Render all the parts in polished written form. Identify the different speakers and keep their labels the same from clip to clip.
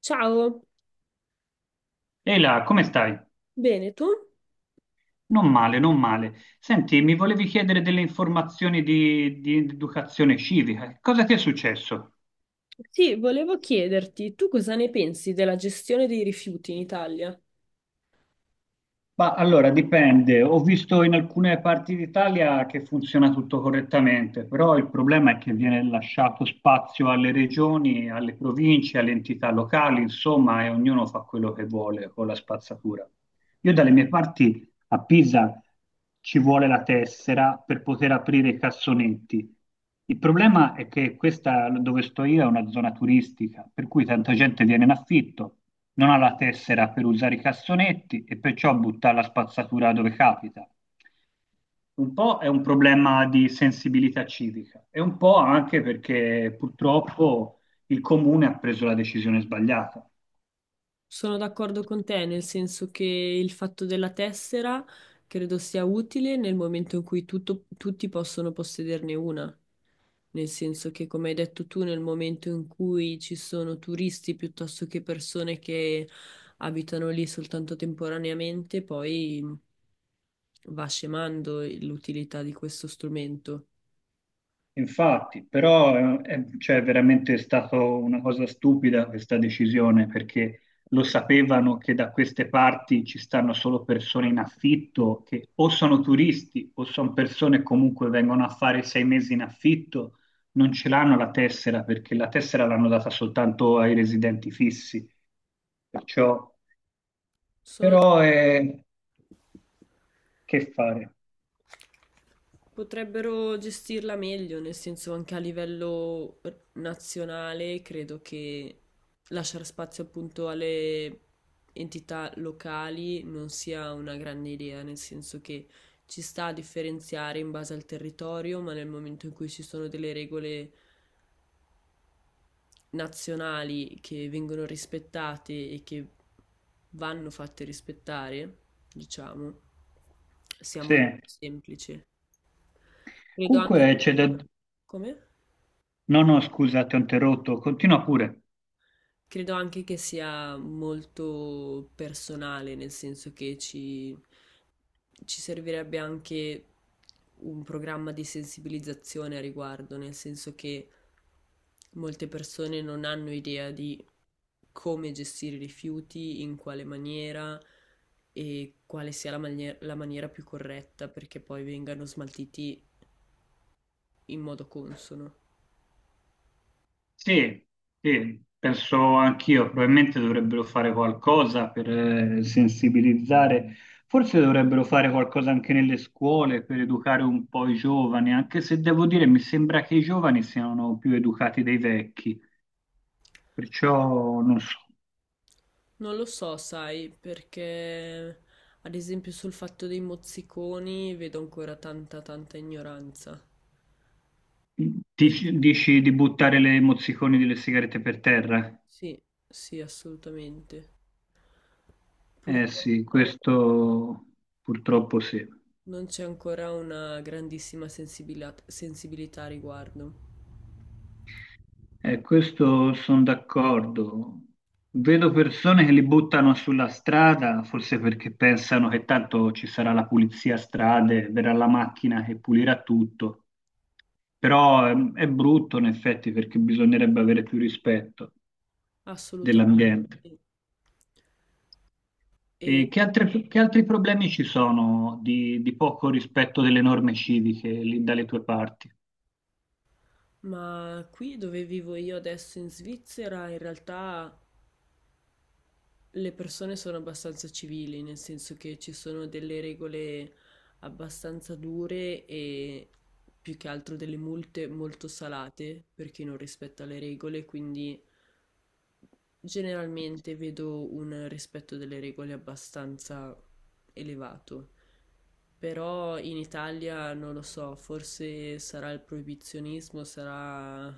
Speaker 1: Ciao,
Speaker 2: Ehi là, come stai?
Speaker 1: bene, tu?
Speaker 2: Non male, non male. Senti, mi volevi chiedere delle informazioni di educazione civica. Cosa ti è successo?
Speaker 1: Sì, volevo chiederti, tu cosa ne pensi della gestione dei rifiuti in Italia?
Speaker 2: Ma allora dipende, ho visto in alcune parti d'Italia che funziona tutto correttamente, però il problema è che viene lasciato spazio alle regioni, alle province, alle entità locali, insomma, e ognuno fa quello che vuole con la spazzatura. Io dalle mie parti a Pisa ci vuole la tessera per poter aprire i cassonetti. Il problema è che questa dove sto io è una zona turistica, per cui tanta gente viene in affitto non ha la tessera per usare i cassonetti e perciò butta la spazzatura dove capita. Un po' è un problema di sensibilità civica e un po' anche perché purtroppo il comune ha preso la decisione sbagliata.
Speaker 1: Sono d'accordo con te, nel senso che il fatto della tessera credo sia utile nel momento in cui tutti possono possederne una, nel senso che, come hai detto tu, nel momento in cui ci sono turisti piuttosto che persone che abitano lì soltanto temporaneamente, poi va scemando l'utilità di questo strumento.
Speaker 2: Infatti, però cioè, è veramente stata una cosa stupida questa decisione perché lo sapevano che da queste parti ci stanno solo persone in affitto che o sono turisti o sono persone che comunque vengono a fare 6 mesi in affitto, non ce l'hanno la tessera perché la tessera l'hanno data soltanto ai residenti fissi. Perciò,
Speaker 1: Sono
Speaker 2: però, che fare?
Speaker 1: potrebbero gestirla meglio, nel senso anche a livello nazionale, credo che lasciare spazio appunto alle entità locali non sia una grande idea, nel senso che ci sta a differenziare in base al territorio, ma nel momento in cui ci sono delle regole nazionali che vengono rispettate e che vanno fatte rispettare, diciamo, sia
Speaker 2: Sì.
Speaker 1: molto semplice. Credo anche,
Speaker 2: Comunque c'è da...
Speaker 1: come?
Speaker 2: No, no, scusa, ti ho interrotto, continua pure.
Speaker 1: Credo anche che sia molto personale, nel senso che ci servirebbe anche un programma di sensibilizzazione a riguardo, nel senso che molte persone non hanno idea di come gestire i rifiuti, in quale maniera e quale sia la maniera più corretta perché poi vengano smaltiti in modo consono.
Speaker 2: Sì, sì, penso anch'io, probabilmente dovrebbero fare qualcosa per sensibilizzare, forse dovrebbero fare qualcosa anche nelle scuole per educare un po' i giovani, anche se devo dire mi sembra che i giovani siano più educati dei vecchi, perciò non so,
Speaker 1: Non lo so, sai, perché ad esempio sul fatto dei mozziconi vedo ancora tanta ignoranza. E-
Speaker 2: dici di buttare le mozziconi delle sigarette per terra?
Speaker 1: sì, sì, assolutamente.
Speaker 2: Eh sì,
Speaker 1: Purtroppo
Speaker 2: questo purtroppo sì.
Speaker 1: non c'è ancora una grandissima sensibilità a riguardo.
Speaker 2: Questo sono d'accordo. Vedo persone che li buttano sulla strada, forse perché pensano che tanto ci sarà la pulizia a strade, verrà la macchina che pulirà tutto. Però è brutto in effetti perché bisognerebbe avere più rispetto
Speaker 1: Assolutamente.
Speaker 2: dell'ambiente.
Speaker 1: E
Speaker 2: E che altri problemi ci sono di poco rispetto delle norme civiche lì dalle tue parti?
Speaker 1: ma qui dove vivo io adesso in Svizzera, in realtà le persone sono abbastanza civili, nel senso che ci sono delle regole abbastanza dure e più che altro delle multe molto salate per chi non rispetta le regole, quindi generalmente vedo un rispetto delle regole abbastanza elevato, però in Italia non lo so, forse sarà il proibizionismo, sarà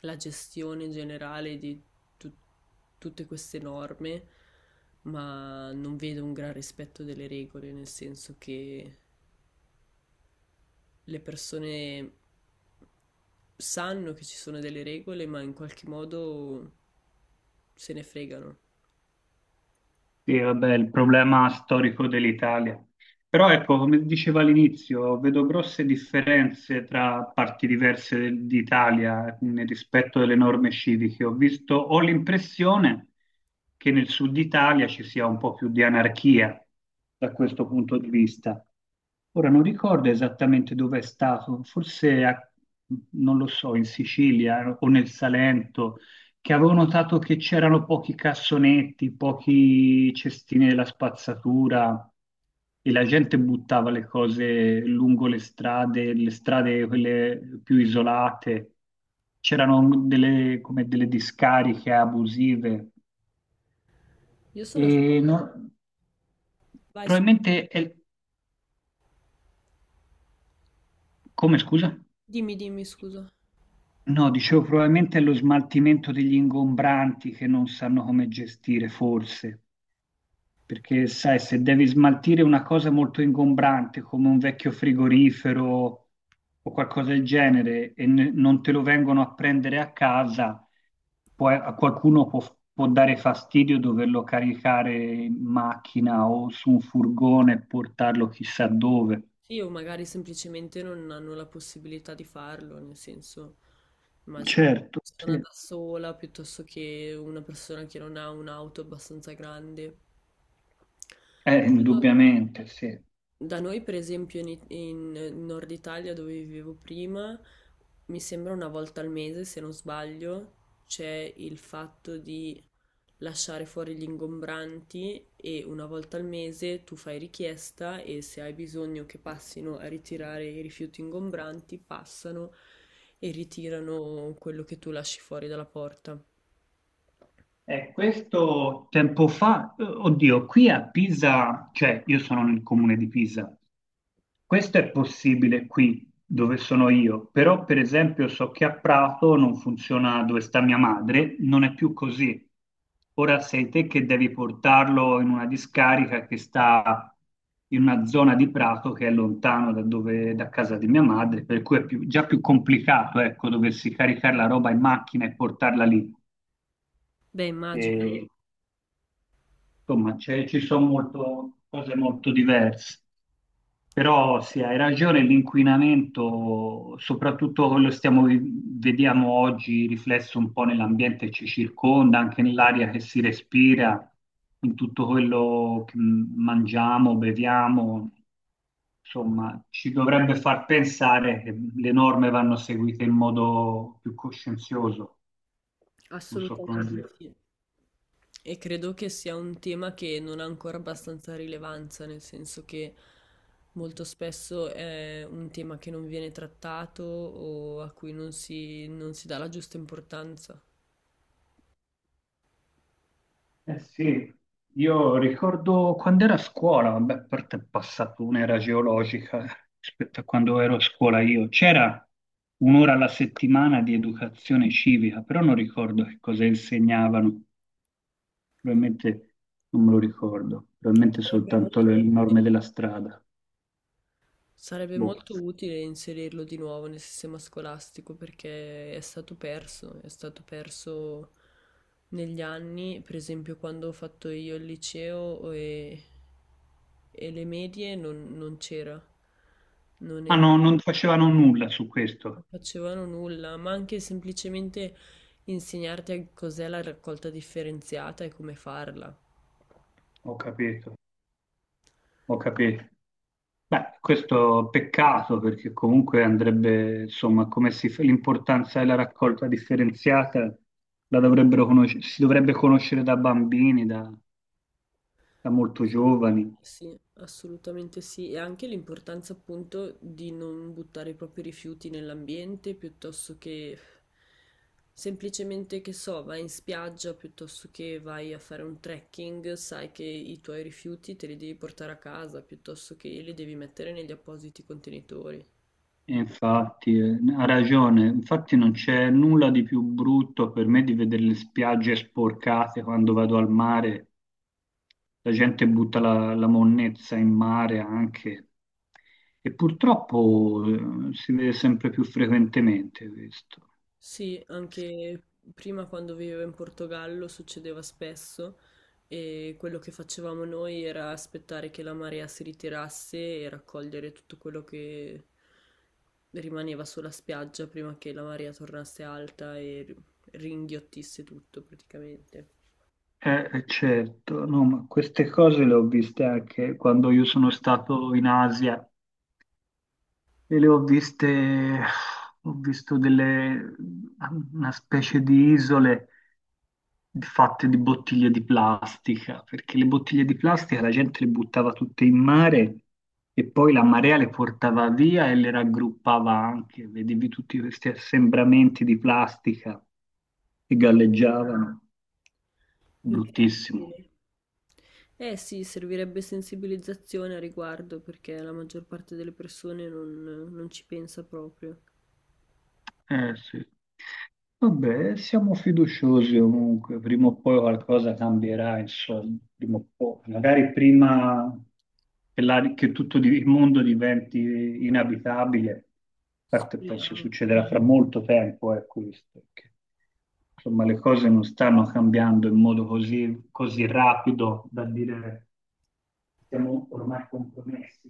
Speaker 1: la gestione generale di tu- tutte queste norme, ma non vedo un gran rispetto delle regole, nel senso che le persone sanno che ci sono delle regole, ma in qualche modo se ne fregano.
Speaker 2: Sì, vabbè, il problema storico dell'Italia. Però ecco, come dicevo all'inizio, vedo grosse differenze tra parti diverse d'Italia nel rispetto delle norme civiche. Ho visto, ho l'impressione che nel sud Italia ci sia un po' più di anarchia da questo punto di vista. Ora non ricordo esattamente dove è stato, forse non lo so, in Sicilia o nel Salento che avevo notato che c'erano pochi cassonetti, pochi cestini della spazzatura e la gente buttava le cose lungo le strade quelle più isolate. C'erano delle, come delle discariche abusive.
Speaker 1: Io sono...
Speaker 2: E no-
Speaker 1: Vai, scu-
Speaker 2: Probabilmente è... Come scusa?
Speaker 1: dimmi, scusa.
Speaker 2: No, dicevo, probabilmente è lo smaltimento degli ingombranti che non sanno come gestire, forse. Perché, sai, se devi smaltire una cosa molto ingombrante come un vecchio frigorifero o qualcosa del genere e non te lo vengono a prendere a casa, poi a qualcuno può dare fastidio doverlo caricare in macchina o su un furgone e portarlo chissà dove.
Speaker 1: Sì, o magari semplicemente non hanno la possibilità di farlo, nel senso, immagino una
Speaker 2: Certo,
Speaker 1: persona
Speaker 2: sì.
Speaker 1: da sola piuttosto che una persona che non ha un'auto abbastanza grande.
Speaker 2: Indubbiamente, sì.
Speaker 1: Da noi, per esempio, in Nord Italia, dove vivevo prima, mi sembra una volta al mese, se non sbaglio, c'è il fatto di lasciare fuori gli ingombranti e una volta al mese tu fai richiesta e se hai bisogno che passino a ritirare i rifiuti ingombranti, passano e ritirano quello che tu lasci fuori dalla porta.
Speaker 2: Questo tempo fa, oddio, qui a Pisa, cioè io sono nel comune di Pisa, questo è possibile qui dove sono io, però per esempio so che a Prato non funziona dove sta mia madre, non è più così. Ora sei te che devi portarlo in una discarica che sta in una zona di Prato che è lontano da, da casa di mia madre, per cui già più complicato, ecco, doversi caricare la roba in macchina e portarla lì.
Speaker 1: Beh, immagino,
Speaker 2: E, insomma, ci sono cose molto diverse. Però sì, hai ragione, l'inquinamento, soprattutto quello vediamo oggi riflesso un po' nell'ambiente che ci circonda, anche nell'aria che si respira, in tutto quello che mangiamo, beviamo, insomma, ci dovrebbe far pensare che le norme vanno seguite in modo più coscienzioso, non so come
Speaker 1: assolutamente
Speaker 2: dire.
Speaker 1: sì. E credo che sia un tema che non ha ancora abbastanza rilevanza, nel senso che molto spesso è un tema che non viene trattato o a cui non si dà la giusta importanza.
Speaker 2: Eh sì, io ricordo quando ero a scuola, vabbè, a parte è passata un'era geologica rispetto a quando ero a scuola io, c'era un'ora alla settimana di educazione civica, però non ricordo che cosa insegnavano, probabilmente non me lo ricordo, probabilmente
Speaker 1: Sarebbe
Speaker 2: soltanto
Speaker 1: molto
Speaker 2: le norme della strada.
Speaker 1: sarebbe
Speaker 2: Boh.
Speaker 1: molto utile inserirlo di nuovo nel sistema scolastico perché è stato perso negli anni, per esempio quando ho fatto io il liceo e le medie non c'era, non
Speaker 2: Ah
Speaker 1: era-
Speaker 2: no, non facevano nulla su
Speaker 1: non
Speaker 2: questo,
Speaker 1: facevano nulla, ma anche semplicemente insegnarti a cos'è la raccolta differenziata e come farla.
Speaker 2: ho capito, ho capito. Beh, questo peccato perché comunque andrebbe, insomma, come si fa l'importanza della raccolta differenziata la dovrebbero conoscere, si dovrebbe conoscere da bambini, da, da molto giovani.
Speaker 1: Assolutamente sì, assolutamente sì. E anche l'importanza appunto di non buttare i propri rifiuti nell'ambiente piuttosto che semplicemente che so, vai in spiaggia piuttosto che vai a fare un trekking, sai che i tuoi rifiuti te li devi portare a casa piuttosto che li devi mettere negli appositi contenitori.
Speaker 2: E infatti, ha ragione, infatti non c'è nulla di più brutto per me di vedere le spiagge sporcate quando vado al mare. La gente butta la monnezza in mare anche e purtroppo si vede sempre più frequentemente questo.
Speaker 1: Sì, anche prima quando vivevo in Portogallo succedeva spesso e quello che facevamo noi era aspettare che la marea si ritirasse e raccogliere tutto quello che rimaneva sulla spiaggia prima che la marea tornasse alta e ringhiottisse tutto praticamente. Sì.
Speaker 2: Certo, no, ma queste cose le ho viste anche quando io sono stato in Asia e le ho viste, ho visto delle, una specie di isole fatte di bottiglie di plastica, perché le bottiglie di plastica la gente le buttava tutte in mare e poi la marea le portava via e le raggruppava anche, vedevi tutti questi assembramenti di plastica che
Speaker 1: Ma
Speaker 2: galleggiavano, bruttissimo.
Speaker 1: incredibile. Eh sì, servirebbe sensibilizzazione a riguardo perché la maggior parte delle persone non ci pensa proprio.
Speaker 2: Eh sì. Vabbè, siamo fiduciosi comunque, prima o poi qualcosa cambierà, insomma, prima o poi. Magari prima che, che tutto il mondo diventi inabitabile, a parte penso
Speaker 1: Speriamo.
Speaker 2: succederà fra molto tempo, è questo, perché, insomma le cose non stanno cambiando in modo così, così rapido da dire siamo ormai compromessi.